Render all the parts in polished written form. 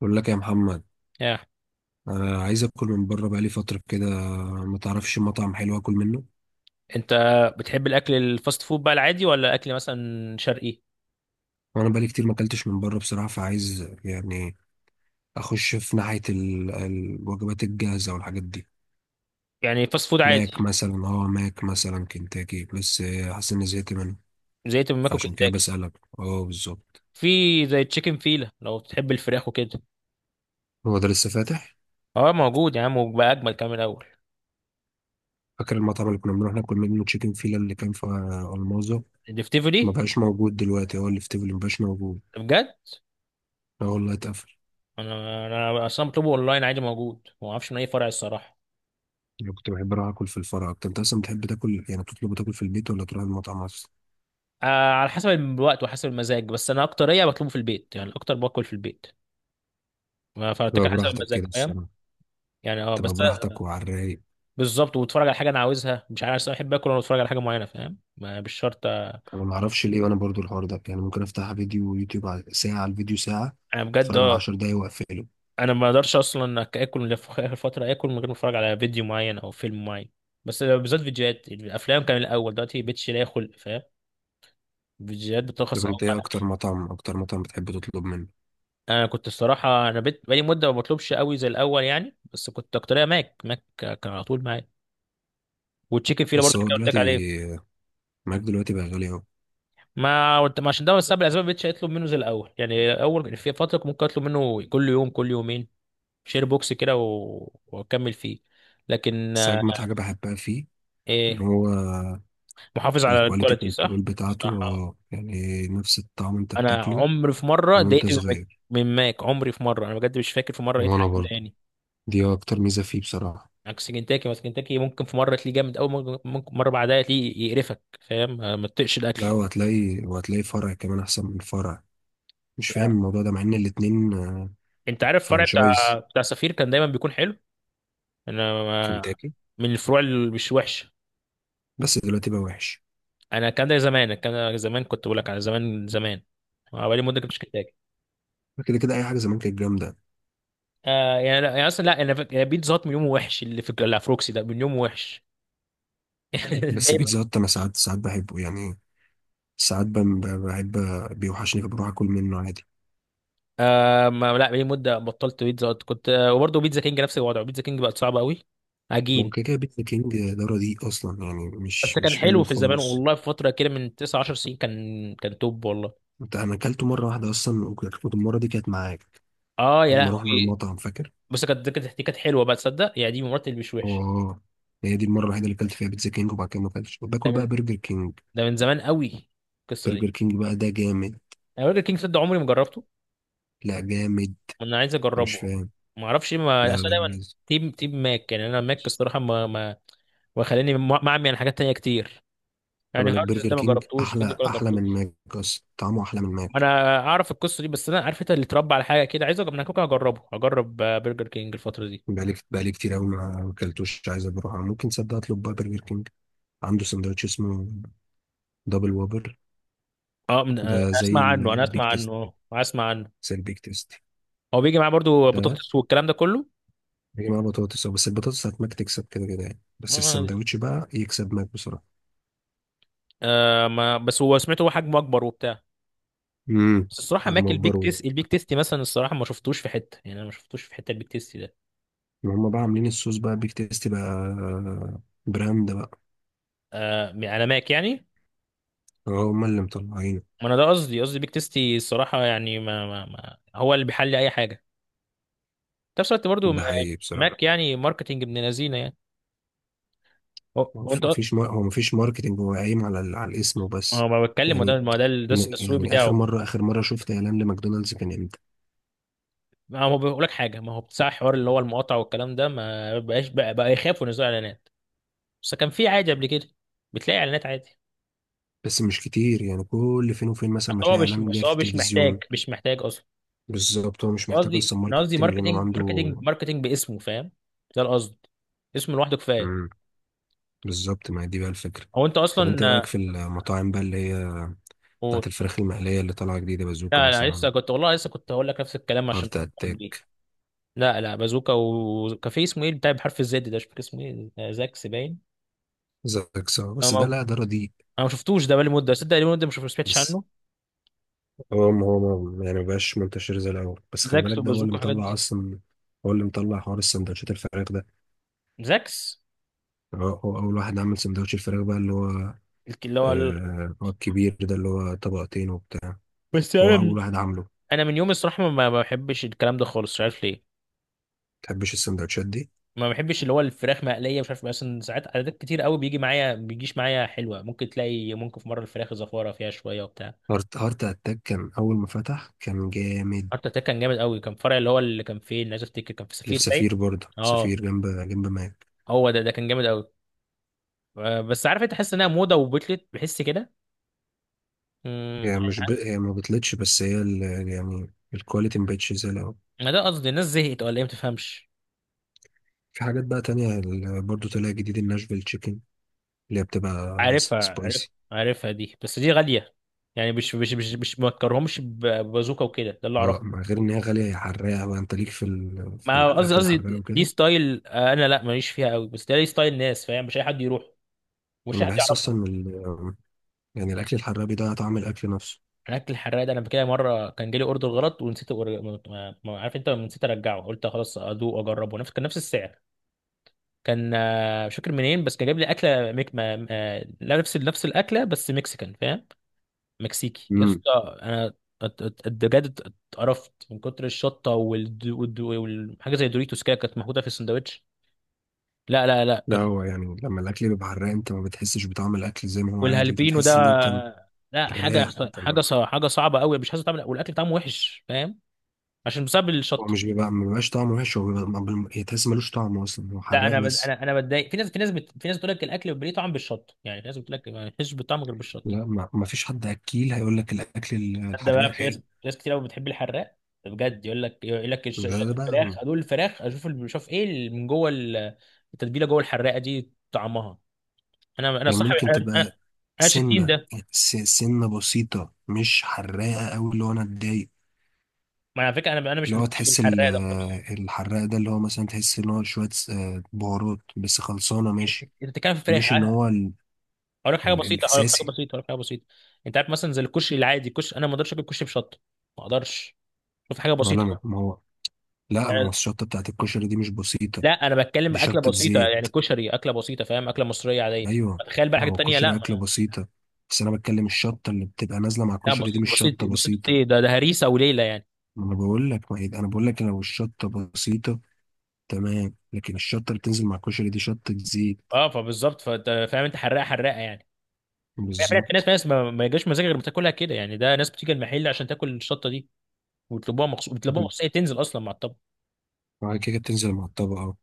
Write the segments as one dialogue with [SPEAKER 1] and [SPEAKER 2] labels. [SPEAKER 1] بقول لك يا محمد،
[SPEAKER 2] يا
[SPEAKER 1] انا عايز اكل من بره بقالي فتره كده. ما تعرفش مطعم حلو اكل منه؟
[SPEAKER 2] انت، بتحب الاكل الفاست فود بقى العادي ولا اكل مثلا شرقي؟
[SPEAKER 1] وانا بقالي كتير ما اكلتش من بره بصراحه، فعايز يعني اخش في ناحيه الوجبات الجاهزه والحاجات دي.
[SPEAKER 2] يعني فاست فود عادي؟
[SPEAKER 1] ماك مثلا كنتاكي، بس حاسس اني زهقت منه.
[SPEAKER 2] زي تمام
[SPEAKER 1] فعشان كده
[SPEAKER 2] كنتاكي.
[SPEAKER 1] بسالك. اه بالظبط.
[SPEAKER 2] في زي تشيكن فيلا لو بتحب الفراخ وكده.
[SPEAKER 1] هو ده لسه فاتح؟
[SPEAKER 2] اه موجود يا عم وبقى اجمل كمان من الاول.
[SPEAKER 1] فاكر المطعم اللي كنا بنروح ناكل منه تشيكن فيلا اللي كان في المازو؟
[SPEAKER 2] الدفتيفو
[SPEAKER 1] ما
[SPEAKER 2] دي؟
[SPEAKER 1] بقاش موجود دلوقتي، هو اللي في تيفلي ما بقاش موجود.
[SPEAKER 2] ده بجد؟
[SPEAKER 1] اه والله اتقفل.
[SPEAKER 2] انا اصلا بطلبه اونلاين عادي موجود، ما اعرفش من اي فرع الصراحه.
[SPEAKER 1] أنا كنت بحب أروح آكل في الفرع أكتر. أنت أصلا بتحب تاكل، يعني تطلب تاكل في البيت ولا تروح المطعم أصلا؟
[SPEAKER 2] آه على حسب الوقت وحسب المزاج، بس انا اكتريه بطلبه في البيت، يعني اكتر باكل في البيت. فبتاكل
[SPEAKER 1] تبقى
[SPEAKER 2] حسب
[SPEAKER 1] براحتك
[SPEAKER 2] المزاج،
[SPEAKER 1] كده
[SPEAKER 2] فاهم؟
[SPEAKER 1] الصراحة.
[SPEAKER 2] يعني اه بس.
[SPEAKER 1] تبقى براحتك وعلى الرايق.
[SPEAKER 2] بالظبط، واتفرج على حاجه انا عاوزها، مش عارف أصل انا بحب اكل وانا بتفرج على حاجه معينه، فاهم؟ مش شرط.
[SPEAKER 1] أنا معرفش ليه، وأنا برضو الحوار ده يعني ممكن أفتح فيديو يوتيوب ساعة على الفيديو ساعة.
[SPEAKER 2] انا بجد
[SPEAKER 1] أتفرج على
[SPEAKER 2] اه.
[SPEAKER 1] عشر دقايق وأقفله.
[SPEAKER 2] انا ما اقدرش اصلا اكل في اخر فتره اكل من غير ما اتفرج على فيديو معين او فيلم معين. بس بالذات فيديوهات الافلام كان الاول، دلوقتي بقتش لاقي خلق، فاهم؟ فيديوهات بترخص
[SPEAKER 1] طب
[SPEAKER 2] قوي
[SPEAKER 1] أنت إيه
[SPEAKER 2] على
[SPEAKER 1] أكتر
[SPEAKER 2] الاكل.
[SPEAKER 1] مطعم أكتر مطعم بتحب تطلب منه؟
[SPEAKER 2] انا كنت الصراحه، انا بقيت بقالي مده ما بطلبش قوي زي الاول يعني، بس كنت اكتريه ماك. ماك كان على طول معايا، والتشيكن فيلا برضه
[SPEAKER 1] بس هو
[SPEAKER 2] اللي قلت لك عليه.
[SPEAKER 1] دلوقتي، معاك دلوقتي بقى غالي أوي.
[SPEAKER 2] ما قلت- ما عشان ده بس الاسباب ما بقتش اطلب منه زي الاول يعني، اول في فتره كنت ممكن اطلب منه كل يوم كل يومين، شير بوكس كده واكمل فيه. لكن
[SPEAKER 1] بس أجمد حاجة بحبها فيه، إن
[SPEAKER 2] ايه؟
[SPEAKER 1] هو
[SPEAKER 2] محافظ على
[SPEAKER 1] الكواليتي
[SPEAKER 2] الكواليتي،
[SPEAKER 1] كنترول
[SPEAKER 2] صح؟ صح.
[SPEAKER 1] بتاعته، اه يعني نفس الطعم أنت
[SPEAKER 2] انا
[SPEAKER 1] بتاكله
[SPEAKER 2] عمري في مره
[SPEAKER 1] من وأنت
[SPEAKER 2] اتضايقت من ماك.
[SPEAKER 1] صغير.
[SPEAKER 2] من ماك. عمري في مره، انا بجد مش فاكر في مره لقيت
[SPEAKER 1] وأنا
[SPEAKER 2] حاجه
[SPEAKER 1] برضه،
[SPEAKER 2] مضايقاني.
[SPEAKER 1] دي أكتر ميزة فيه بصراحة.
[SPEAKER 2] عكس كنتاكي مثلا، كنتاكي ممكن في مره تلاقيه جامد قوي، ممكن مره بعدها تلاقيه يقرفك، فاهم؟ ما تطقش
[SPEAKER 1] لا
[SPEAKER 2] الاكل
[SPEAKER 1] وهتلاقي فرع كمان احسن من فرع. مش فاهم
[SPEAKER 2] يعني.
[SPEAKER 1] الموضوع ده مع ان الاتنين
[SPEAKER 2] انت عارف الفرع بتاع
[SPEAKER 1] فرانشايز
[SPEAKER 2] بتاع سفير كان دايما بيكون حلو. انا ما-
[SPEAKER 1] كنتاكي.
[SPEAKER 2] من الفروع اللي مش وحشه.
[SPEAKER 1] بس دلوقتي بقى وحش.
[SPEAKER 2] انا كان ده زمان، كان ده زمان، كنت بقول لك على زمان زمان. بقالي مده كنتش كنتاكي.
[SPEAKER 1] كده كده اي حاجه زمان كانت جامده.
[SPEAKER 2] آه يعني، لا يعني اصلا، لا يعني بيتزا هات من يومه وحش، اللي في اللي على فروكسي ده من يومه وحش.
[SPEAKER 1] بس
[SPEAKER 2] دايما.
[SPEAKER 1] بيتزا هات انا ساعات، ساعات بحبه يعني. ساعات بحب بيوحشني فبروح اكل منه عادي.
[SPEAKER 2] آه ما لا، بقالي مده بطلت بيتزا هت. كنت آه، وبرضه بيتزا كينج نفس الوضع، بيتزا كينج بقت صعبه قوي.
[SPEAKER 1] ما هو
[SPEAKER 2] عجين.
[SPEAKER 1] كده كده بيتزا كينج ده رديء اصلا، يعني
[SPEAKER 2] بس
[SPEAKER 1] مش
[SPEAKER 2] كان
[SPEAKER 1] مش حلو
[SPEAKER 2] حلو في الزمان
[SPEAKER 1] خالص.
[SPEAKER 2] والله، في فتره كده من 9 10 سنين كان كان توب والله.
[SPEAKER 1] انت انا اكلته مره واحده اصلا، وكانت المره دي كانت معاك
[SPEAKER 2] اه يا
[SPEAKER 1] لما رحنا
[SPEAKER 2] لهوي.
[SPEAKER 1] المطعم، فاكر؟
[SPEAKER 2] بس كانت، كانت دي كانت حلوه بقى، تصدق؟ يعني دي من المرات اللي مش وحش.
[SPEAKER 1] اه، هي دي المره الوحيده اللي اكلت فيها بيتزا كينج، وبعد كده ما اكلتش،
[SPEAKER 2] ده
[SPEAKER 1] باكل
[SPEAKER 2] من
[SPEAKER 1] بقى برجر كينج.
[SPEAKER 2] ده من زمان قوي القصه دي.
[SPEAKER 1] برجر كينج بقى ده جامد.
[SPEAKER 2] انا برجر كينج صدق عمري ما جربته.
[SPEAKER 1] لا جامد.
[SPEAKER 2] انا عايز
[SPEAKER 1] أنا مش
[SPEAKER 2] اجربه.
[SPEAKER 1] فاهم.
[SPEAKER 2] ما اعرفش إيه،
[SPEAKER 1] لا
[SPEAKER 2] ما اصل
[SPEAKER 1] لا
[SPEAKER 2] أنا دايما
[SPEAKER 1] لازم.
[SPEAKER 2] تيم ماك. يعني انا ماك الصراحه ما، وخلاني معمي عن حاجات تانية كتير.
[SPEAKER 1] طب
[SPEAKER 2] يعني
[SPEAKER 1] أنا
[SPEAKER 2] هاردز
[SPEAKER 1] برجر
[SPEAKER 2] ده ما
[SPEAKER 1] كينج
[SPEAKER 2] جربتوش، حد
[SPEAKER 1] أحلى،
[SPEAKER 2] كله
[SPEAKER 1] أحلى من
[SPEAKER 2] جربتوش؟
[SPEAKER 1] ماك أصلا، طعمه أحلى من ماك.
[SPEAKER 2] انا اعرف القصه دي، بس انا عارف انت اللي اتربى على حاجه كده. عايز اجرب انا كوكا، هجرب برجر كينج الفتره دي.
[SPEAKER 1] بقالي كتير أوي ما أكلتوش، عايز أروح. ممكن تصدق أطلب بقى برجر كينج. عنده سندوتش اسمه دبل وابر.
[SPEAKER 2] اه من... آه،
[SPEAKER 1] ده زي
[SPEAKER 2] اسمع عنه، انا اسمع
[SPEAKER 1] البيك تيست
[SPEAKER 2] عنه،
[SPEAKER 1] كده،
[SPEAKER 2] اه اسمع عنه.
[SPEAKER 1] زي البيك تيست.
[SPEAKER 2] هو بيجي معاه برضو
[SPEAKER 1] ده
[SPEAKER 2] بطاطس والكلام ده كله.
[SPEAKER 1] بيجي معاه بطاطس، أو بس البطاطس بتاعت ماك تكسب كده كده يعني، بس
[SPEAKER 2] آه.
[SPEAKER 1] السندوتش بقى يكسب ماك بصراحة.
[SPEAKER 2] آه، ما بس هو سمعته، هو حجمه اكبر وبتاع.
[SPEAKER 1] امم.
[SPEAKER 2] بس الصراحه ماك،
[SPEAKER 1] حجمه أكبر
[SPEAKER 2] البيك تيستي مثلا الصراحه ما شفتوش في حته، يعني انا ما شفتوش في حته البيك تيستي ده.
[SPEAKER 1] وهم بقى عاملين الصوص بقى بيك تيست بقى، براند بقى.
[SPEAKER 2] آه على ماك يعني.
[SPEAKER 1] اه هما اللي مطلعينه.
[SPEAKER 2] ما انا ده قصدي، قصدي بيك تيستي الصراحه، يعني ما هو اللي بيحل اي حاجه في نفس الوقت برضو
[SPEAKER 1] ده حقيقي بصراحة.
[SPEAKER 2] ماك. يعني ماركتينج ابن لذينه يعني. هو-
[SPEAKER 1] هو
[SPEAKER 2] هو
[SPEAKER 1] مف-
[SPEAKER 2] انت،
[SPEAKER 1] مفيش مار... هو مفيش ماركتينج، هو قايم على الاسم وبس.
[SPEAKER 2] هو ما بتكلم
[SPEAKER 1] يعني
[SPEAKER 2] وده ما ده ده التسويق
[SPEAKER 1] يعني آخر
[SPEAKER 2] بتاعه.
[SPEAKER 1] مرة آخر مرة شفت إعلان لماكدونالدز كان إمتى؟
[SPEAKER 2] ما هو بيقول لك حاجه، ما هو بتاع حوار اللي هو المقاطعه والكلام ده، ما بقاش بقى يخافوا ينزلوا اعلانات. بس كان في عادي قبل كده، بتلاقي اعلانات عادي.
[SPEAKER 1] بس مش كتير يعني، كل فين وفين مثلا
[SPEAKER 2] بس
[SPEAKER 1] ما
[SPEAKER 2] هو
[SPEAKER 1] تلاقي
[SPEAKER 2] مش
[SPEAKER 1] إعلان
[SPEAKER 2] بس
[SPEAKER 1] جاي في
[SPEAKER 2] هو مش محتاج،
[SPEAKER 1] التلفزيون.
[SPEAKER 2] مش محتاج اصلا.
[SPEAKER 1] بالظبط هو
[SPEAKER 2] بس
[SPEAKER 1] مش محتاج
[SPEAKER 2] قصدي
[SPEAKER 1] أصلا
[SPEAKER 2] انا قصدي،
[SPEAKER 1] ماركتينج، لأن هو
[SPEAKER 2] ماركتنج
[SPEAKER 1] عنده.
[SPEAKER 2] ماركتنج ماركتنج باسمه، فاهم؟ ده القصد، اسمه لوحده كفايه.
[SPEAKER 1] مم. بالظبط ما هي دي بقى الفكرة.
[SPEAKER 2] هو انت
[SPEAKER 1] طب أنت
[SPEAKER 2] اصلا
[SPEAKER 1] إيه رأيك في المطاعم بقى اللي هي
[SPEAKER 2] قول.
[SPEAKER 1] بتاعت الفراخ المقلية اللي طالعة جديدة، بازوكا
[SPEAKER 2] لا لا
[SPEAKER 1] مثلا؟
[SPEAKER 2] لسه كنت والله، لسه كنت هقول لك نفس الكلام عشان
[SPEAKER 1] هارت
[SPEAKER 2] أفكر دي.
[SPEAKER 1] أتاك.
[SPEAKER 2] لا لا بازوكا، وكافيه اسمه ايه بتاع بحرف الزد ده مش فاكر اسمه ايه، زاكس باين.
[SPEAKER 1] زاكسا، بس ده لا ده رديء.
[SPEAKER 2] انا ما شفتوش ده بقالي مده، صدق بقالي مده ما سمعتش
[SPEAKER 1] بس
[SPEAKER 2] عنه.
[SPEAKER 1] هو يعني مبقاش منتشر زي الأول، بس خلي
[SPEAKER 2] زاكس
[SPEAKER 1] بالك ده هو اللي
[SPEAKER 2] وبازوكا والحاجات
[SPEAKER 1] مطلع
[SPEAKER 2] دي.
[SPEAKER 1] أصلا. هو اللي مطلع حوار السندوتشات الفراخ ده.
[SPEAKER 2] زاكس.
[SPEAKER 1] هو أول واحد عمل سندوتش الفراخ بقى اللي هو،
[SPEAKER 2] الك- اللي هو ال...
[SPEAKER 1] آه هو الكبير ده اللي هو طبقتين وبتاع.
[SPEAKER 2] بس انا
[SPEAKER 1] هو
[SPEAKER 2] من...
[SPEAKER 1] أول واحد عامله.
[SPEAKER 2] انا من يوم الصراحه ما بحبش الكلام ده خالص، مش عارف ليه.
[SPEAKER 1] متحبش السندوتشات دي؟
[SPEAKER 2] ما بحبش اللي هو الفراخ مقليه، مش عارف، مثلا ساعات عادات كتير قوي بيجي معايا ما بيجيش معايا حلوه. ممكن تلاقي ممكن في مره الفراخ زفاره فيها شويه وبتاع.
[SPEAKER 1] هارت أتاك كان أول ما فتح كان جامد.
[SPEAKER 2] حتى ده كان جامد قوي، كان فرع اللي هو اللي كان فين؟ عايز افتكر كان في
[SPEAKER 1] اللي في
[SPEAKER 2] سفير باين.
[SPEAKER 1] سفير برضه،
[SPEAKER 2] اه،
[SPEAKER 1] سفير جنب جنب ماك.
[SPEAKER 2] هو ده ده كان جامد قوي. بس عارف انت، تحس انها موضه وبتلت، بحس كده. امم
[SPEAKER 1] هي ما بتلتش، بس هي يعني الكواليتي مبقتش زي الأول.
[SPEAKER 2] ما ده قصدي، الناس زهقت ولا ايه ما تفهمش.
[SPEAKER 1] في حاجات بقى تانية برضه طلع جديد الناشفيل تشيكن، اللي هي بتبقى
[SPEAKER 2] عارفها عارف،
[SPEAKER 1] سبايسي.
[SPEAKER 2] عارفها دي بس دي غالية. يعني مش ما اكرهمش ببازوكا وكده، ده اللي
[SPEAKER 1] اه،
[SPEAKER 2] اعرفه.
[SPEAKER 1] مع غير ان هي غاليه، هي حراقه بقى، انت ليك في
[SPEAKER 2] ما قصدي
[SPEAKER 1] الاكل الحراق
[SPEAKER 2] قصدي دي
[SPEAKER 1] وكده؟
[SPEAKER 2] ستايل، انا لا ماليش فيها قوي، بس ده ليه ستايل ناس، فاهم؟ مش اي حد يروح ومش
[SPEAKER 1] انا
[SPEAKER 2] اي حد
[SPEAKER 1] بحس اصلا
[SPEAKER 2] يعرفه.
[SPEAKER 1] ان يعني الاكل الحراق بيضيع طعم الاكل نفسه.
[SPEAKER 2] الاكل الحراق ده انا كده مره كان جالي اوردر غلط ونسيت عارف انت، نسيت ارجعه قلت خلاص ادوق واجربه، نفس كان نفس السعر. كان مش فاكر منين، بس كان جايب لي اكله ميك ما لا، نفس الاكله بس مكسيكان فاهم، مكسيكي يا
[SPEAKER 1] امم.
[SPEAKER 2] اسطى. انا بجد اتقرفت من كتر الشطه والحاجه زي دوريتوس كده كانت محطوطه في السندوتش. لا لا لا
[SPEAKER 1] لا
[SPEAKER 2] كان،
[SPEAKER 1] هو يعني لما الاكل بيبقى حراق انت ما بتحسش بطعم الاكل زي ما هو عادي، انت
[SPEAKER 2] والهالبينو ده
[SPEAKER 1] بتحس ان انت
[SPEAKER 2] لا حاجه،
[SPEAKER 1] حراق، انت ما-
[SPEAKER 2] حاجه صعبه قوي، مش عايز تعمل والاكل طعمه وحش، فاهم؟ عشان بسبب
[SPEAKER 1] هو
[SPEAKER 2] الشطه.
[SPEAKER 1] مش بيبقى ما بيبقاش طعمه وحش، هو بيبقى ما بال- تحس ملوش طعم اصلا، هو
[SPEAKER 2] لا
[SPEAKER 1] حراق
[SPEAKER 2] انا بد-
[SPEAKER 1] بس.
[SPEAKER 2] انا انا بتضايق. في ناس، في ناس بتقول لك الاكل بيبقى ليه طعم بالشطه، يعني في ناس بتقول لك ما فيش طعم غير بالشطه.
[SPEAKER 1] لا ما فيش حد اكيل هيقول لك الاكل
[SPEAKER 2] ده
[SPEAKER 1] الحراق
[SPEAKER 2] بقى، في
[SPEAKER 1] حلو.
[SPEAKER 2] ناس، ناس كتير قوي بتحب الحراق، بجد. يقول لك، يقول
[SPEAKER 1] ده,
[SPEAKER 2] لك
[SPEAKER 1] ده
[SPEAKER 2] الفراخ
[SPEAKER 1] بقى
[SPEAKER 2] ادوق الفراخ اشوف بشوف ايه اللي من جوه التتبيله جوه، الحراقه دي طعمها. انا انا
[SPEAKER 1] يعني
[SPEAKER 2] صاحب
[SPEAKER 1] ممكن
[SPEAKER 2] انا انا
[SPEAKER 1] تبقى
[SPEAKER 2] أنا مش التيم
[SPEAKER 1] سنه
[SPEAKER 2] ده.
[SPEAKER 1] يعني سنه بسيطه مش حراقه قوي اللي هو انا اتضايق.
[SPEAKER 2] ما على فكره انا، انا مش
[SPEAKER 1] اللي
[SPEAKER 2] من
[SPEAKER 1] هو
[SPEAKER 2] التيم
[SPEAKER 1] تحس
[SPEAKER 2] الحراق ده خالص.
[SPEAKER 1] الحراق ده اللي هو مثلا تحس ان هو شوية بهارات بس خلصانة
[SPEAKER 2] انت
[SPEAKER 1] ماشي.
[SPEAKER 2] بتتكلم في الفراخ
[SPEAKER 1] مش ان هو ال
[SPEAKER 2] اقول لك حاجه
[SPEAKER 1] ال
[SPEAKER 2] بسيطه،
[SPEAKER 1] الاساسي.
[SPEAKER 2] انت عارف مثلا زي الكشري العادي، الكشري انا ما اقدرش اكل كشري بشطه، ما اقدرش. شوف حاجه
[SPEAKER 1] ولا
[SPEAKER 2] بسيطه
[SPEAKER 1] ما
[SPEAKER 2] أهو.
[SPEAKER 1] ما هو. لا ما هو
[SPEAKER 2] يعني-
[SPEAKER 1] الشطة بتاعت الكشري دي مش بسيطة،
[SPEAKER 2] لا انا بتكلم
[SPEAKER 1] دي
[SPEAKER 2] اكله
[SPEAKER 1] شطة
[SPEAKER 2] بسيطه،
[SPEAKER 1] زيت.
[SPEAKER 2] يعني كشري اكله بسيطه فاهم، اكله مصريه عاديه.
[SPEAKER 1] ايوه.
[SPEAKER 2] تخيل بقى
[SPEAKER 1] ما
[SPEAKER 2] حاجه
[SPEAKER 1] هو
[SPEAKER 2] تانية.
[SPEAKER 1] الكشري
[SPEAKER 2] لا
[SPEAKER 1] اكلة بسيطة، بس انا بتكلم الشطة اللي بتبقى نازلة مع
[SPEAKER 2] لا،
[SPEAKER 1] الكشري دي
[SPEAKER 2] بسيط
[SPEAKER 1] مش
[SPEAKER 2] بسيط
[SPEAKER 1] شطة
[SPEAKER 2] بسيط
[SPEAKER 1] بسيطة.
[SPEAKER 2] ايه ده؟ ده هريسه وليله يعني.
[SPEAKER 1] ما انا بقول لك ما هي- انا بقول لك لو الشطة بسيطة تمام، لكن الشطة اللي بتنزل مع الكشري دي شطة زيت.
[SPEAKER 2] اه فبالظبط، فانت فاهم، انت حراقه يعني.
[SPEAKER 1] بالظبط.
[SPEAKER 2] في ناس ما يجاش مزاجها غير بتاكلها كده يعني، ده ناس بتيجي المحل عشان تاكل الشطه دي، ويطلبوها مخصوص،
[SPEAKER 1] طب
[SPEAKER 2] بيطلبوها
[SPEAKER 1] انت-
[SPEAKER 2] مخصوص، هي تنزل اصلا مع الطبق.
[SPEAKER 1] بعد كده بتنزل مع الطبق أهو.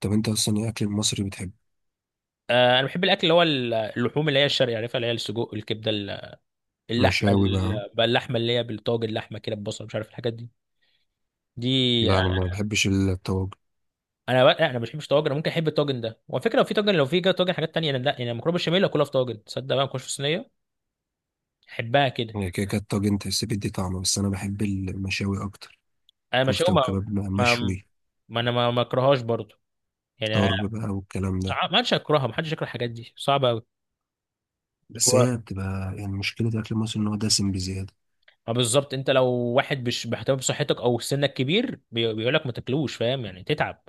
[SPEAKER 1] طب انت اصلا ايه اكل المصري بتحبه؟
[SPEAKER 2] آه انا بحب الاكل اللي هو اللحوم اللي هي الشرقي، عارفها، اللي هي السجق الكبده اللحمه
[SPEAKER 1] مشاوي بقى.
[SPEAKER 2] بقى اللحمه اللي هي بالطاجن، اللحمه كده ببصل، مش عارف الحاجات دي دي.
[SPEAKER 1] لا انا ما بحبش الطواجن.
[SPEAKER 2] انا بقى لا، انا ما بحبش طاجن. أنا ممكن احب الطاجن ده، وعلى فكره لو في طاجن، لو في طاجن حاجات تانيه انا لا. يعني مكرونه بشاميل اكلها في طاجن، تصدق بقى، ما اكلش في صينيه، احبها كده.
[SPEAKER 1] يعني كده كده الطاجن تحس بيدي طعم، بس انا بحب المشاوي اكتر.
[SPEAKER 2] انا مش
[SPEAKER 1] كفته
[SPEAKER 2] ما
[SPEAKER 1] وكباب بقى
[SPEAKER 2] ما
[SPEAKER 1] مشوي.
[SPEAKER 2] ما انا ما اكرهاش برضو يعني.
[SPEAKER 1] طرب بقى والكلام ده.
[SPEAKER 2] ما حدش هيكرهها، ما حدش يكره، الحاجات دي صعبه قوي.
[SPEAKER 1] بس
[SPEAKER 2] هو
[SPEAKER 1] هي بتبقى يعني مشكله الاكل المصري ان هو دسم بزياده.
[SPEAKER 2] ما بالظبط، انت لو واحد مش بيهتم بصحتك او سنك كبير، بيقول لك ما تاكلوش، فاهم؟ يعني تتعب،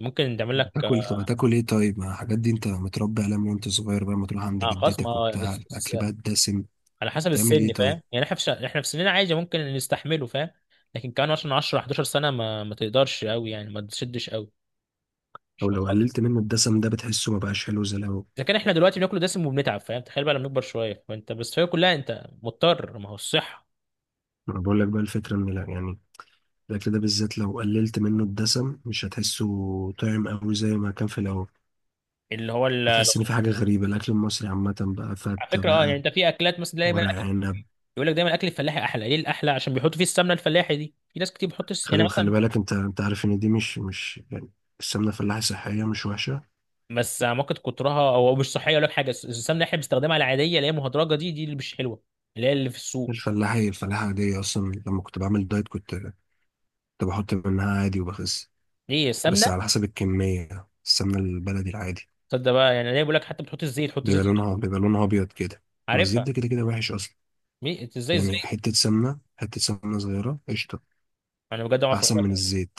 [SPEAKER 2] ممكن تعمل
[SPEAKER 1] طب
[SPEAKER 2] لك.
[SPEAKER 1] هتاكل طب هتاكل ايه طيب؟ ما الحاجات دي انت متربي عليها من وانت صغير بقى، ما تروح عند
[SPEAKER 2] خلاص
[SPEAKER 1] جدتك
[SPEAKER 2] ما
[SPEAKER 1] وبتاع، الاكل بقى الدسم.
[SPEAKER 2] على حسب
[SPEAKER 1] تعمل
[SPEAKER 2] السن،
[SPEAKER 1] ايه طيب؟
[SPEAKER 2] فاهم؟ يعني احنا في احنا في سننا عادي ممكن نستحمله، فاهم؟ لكن كمان عشان 10 11 سنه ما تقدرش قوي، يعني ما تشدش قوي، مش
[SPEAKER 1] او لو
[SPEAKER 2] هتخاطر.
[SPEAKER 1] قللت منه الدسم ده بتحسه ما بقاش حلو زي الاول.
[SPEAKER 2] اذا كان احنا دلوقتي بناكل دسم وبنتعب، فاهم؟ تخيل بقى لما نكبر شويه، فانت بس هي كلها، انت مضطر، ما هو الصحه.
[SPEAKER 1] ما أنا بقول لك بقى الفكره ان لا يعني الاكل ده بالذات لو قللت منه الدسم مش هتحسه طعم قوي زي ما كان في الاول.
[SPEAKER 2] اللي هو ال-
[SPEAKER 1] هتحس ان في حاجه غريبه. الاكل المصري عامه بقى
[SPEAKER 2] على
[SPEAKER 1] فته
[SPEAKER 2] فكره اه يعني،
[SPEAKER 1] بقى
[SPEAKER 2] انت في اكلات مثلا، دايما
[SPEAKER 1] ورق
[SPEAKER 2] اكل
[SPEAKER 1] عنب.
[SPEAKER 2] يقول لك دايما الاكل الفلاحي احلى. ليه الاحلى؟ عشان بيحطوا فيه السمنه الفلاحي دي، في ناس كتير بتحط يعني
[SPEAKER 1] خلي
[SPEAKER 2] مثلا.
[SPEAKER 1] بالك انت عارف ان دي مش يعني السمنه الفلاحي صحيه مش وحشه.
[SPEAKER 2] بس ممكن كترها او مش صحيه ولا حاجه، السمنه اللي احنا بنستخدمها العاديه اللي هي مهدرجه دي، دي اللي مش حلوه، اللي هي اللي في السوق.
[SPEAKER 1] الفلاحي الفلاحه عاديه اصلا، لما كنت بعمل دايت كنت بحط منها عادي وبخس،
[SPEAKER 2] ليه
[SPEAKER 1] بس
[SPEAKER 2] السمنه؟
[SPEAKER 1] على حسب الكميه. السمنه البلدي العادي
[SPEAKER 2] تصدق بقى، يعني ليه بيقول لك حتى بتحط الزيت، حط زيت
[SPEAKER 1] بيبقى لونها
[SPEAKER 2] زيتون،
[SPEAKER 1] بيبقى لونها ابيض كده. ما الزيت
[SPEAKER 2] عارفها.
[SPEAKER 1] ده كده كده وحش اصلا.
[SPEAKER 2] إنت ازاي
[SPEAKER 1] يعني
[SPEAKER 2] الزيت؟
[SPEAKER 1] حته سمنه صغيره قشطه
[SPEAKER 2] انا بجد ما اعرف
[SPEAKER 1] احسن من
[SPEAKER 2] أعملها.
[SPEAKER 1] الزيت.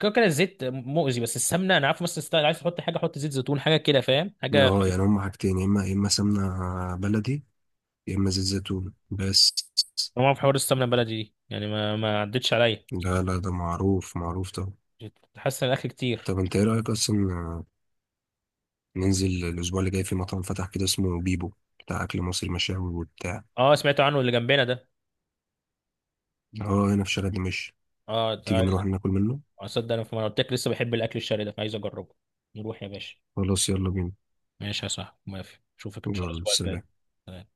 [SPEAKER 2] كده كده الزيت مؤذي، بس السمنه انا عارف، مثلا ستايل عايز تحط حاجه، حط زيت زيتون حاجه كده، فاهم؟ حاجه.
[SPEAKER 1] اه يعني هما حاجتين يا اما سمنه بلدي يا اما زيت زيتون بس.
[SPEAKER 2] طبعا في حوار السمنه البلدي دي، يعني ما عدتش عليا.
[SPEAKER 1] لا لا ده معروف معروف طبعا.
[SPEAKER 2] حاسس ان الاكل كتير.
[SPEAKER 1] طب انت ايه رأيك اصلا ننزل الاسبوع اللي جاي في مطعم فتح كده اسمه بيبو، بتاع اكل مصري مشاوي وبتاع.
[SPEAKER 2] اه سمعت عنه، اللي جنبنا ده؟
[SPEAKER 1] اه هنا في شارع دمشق.
[SPEAKER 2] اه
[SPEAKER 1] تيجي
[SPEAKER 2] ده.
[SPEAKER 1] نروح ناكل منه.
[SPEAKER 2] اصدق، انا في، ما أنا قلت لك لسه بحب الاكل الشرقي ده، فعايز اجربه. نروح يا باشا.
[SPEAKER 1] خلاص يلا بينا.
[SPEAKER 2] ماشي يا صاحبي، موافق، اشوفك ان شاء الله
[SPEAKER 1] يلا
[SPEAKER 2] الاسبوع
[SPEAKER 1] سلام.
[SPEAKER 2] الجاي.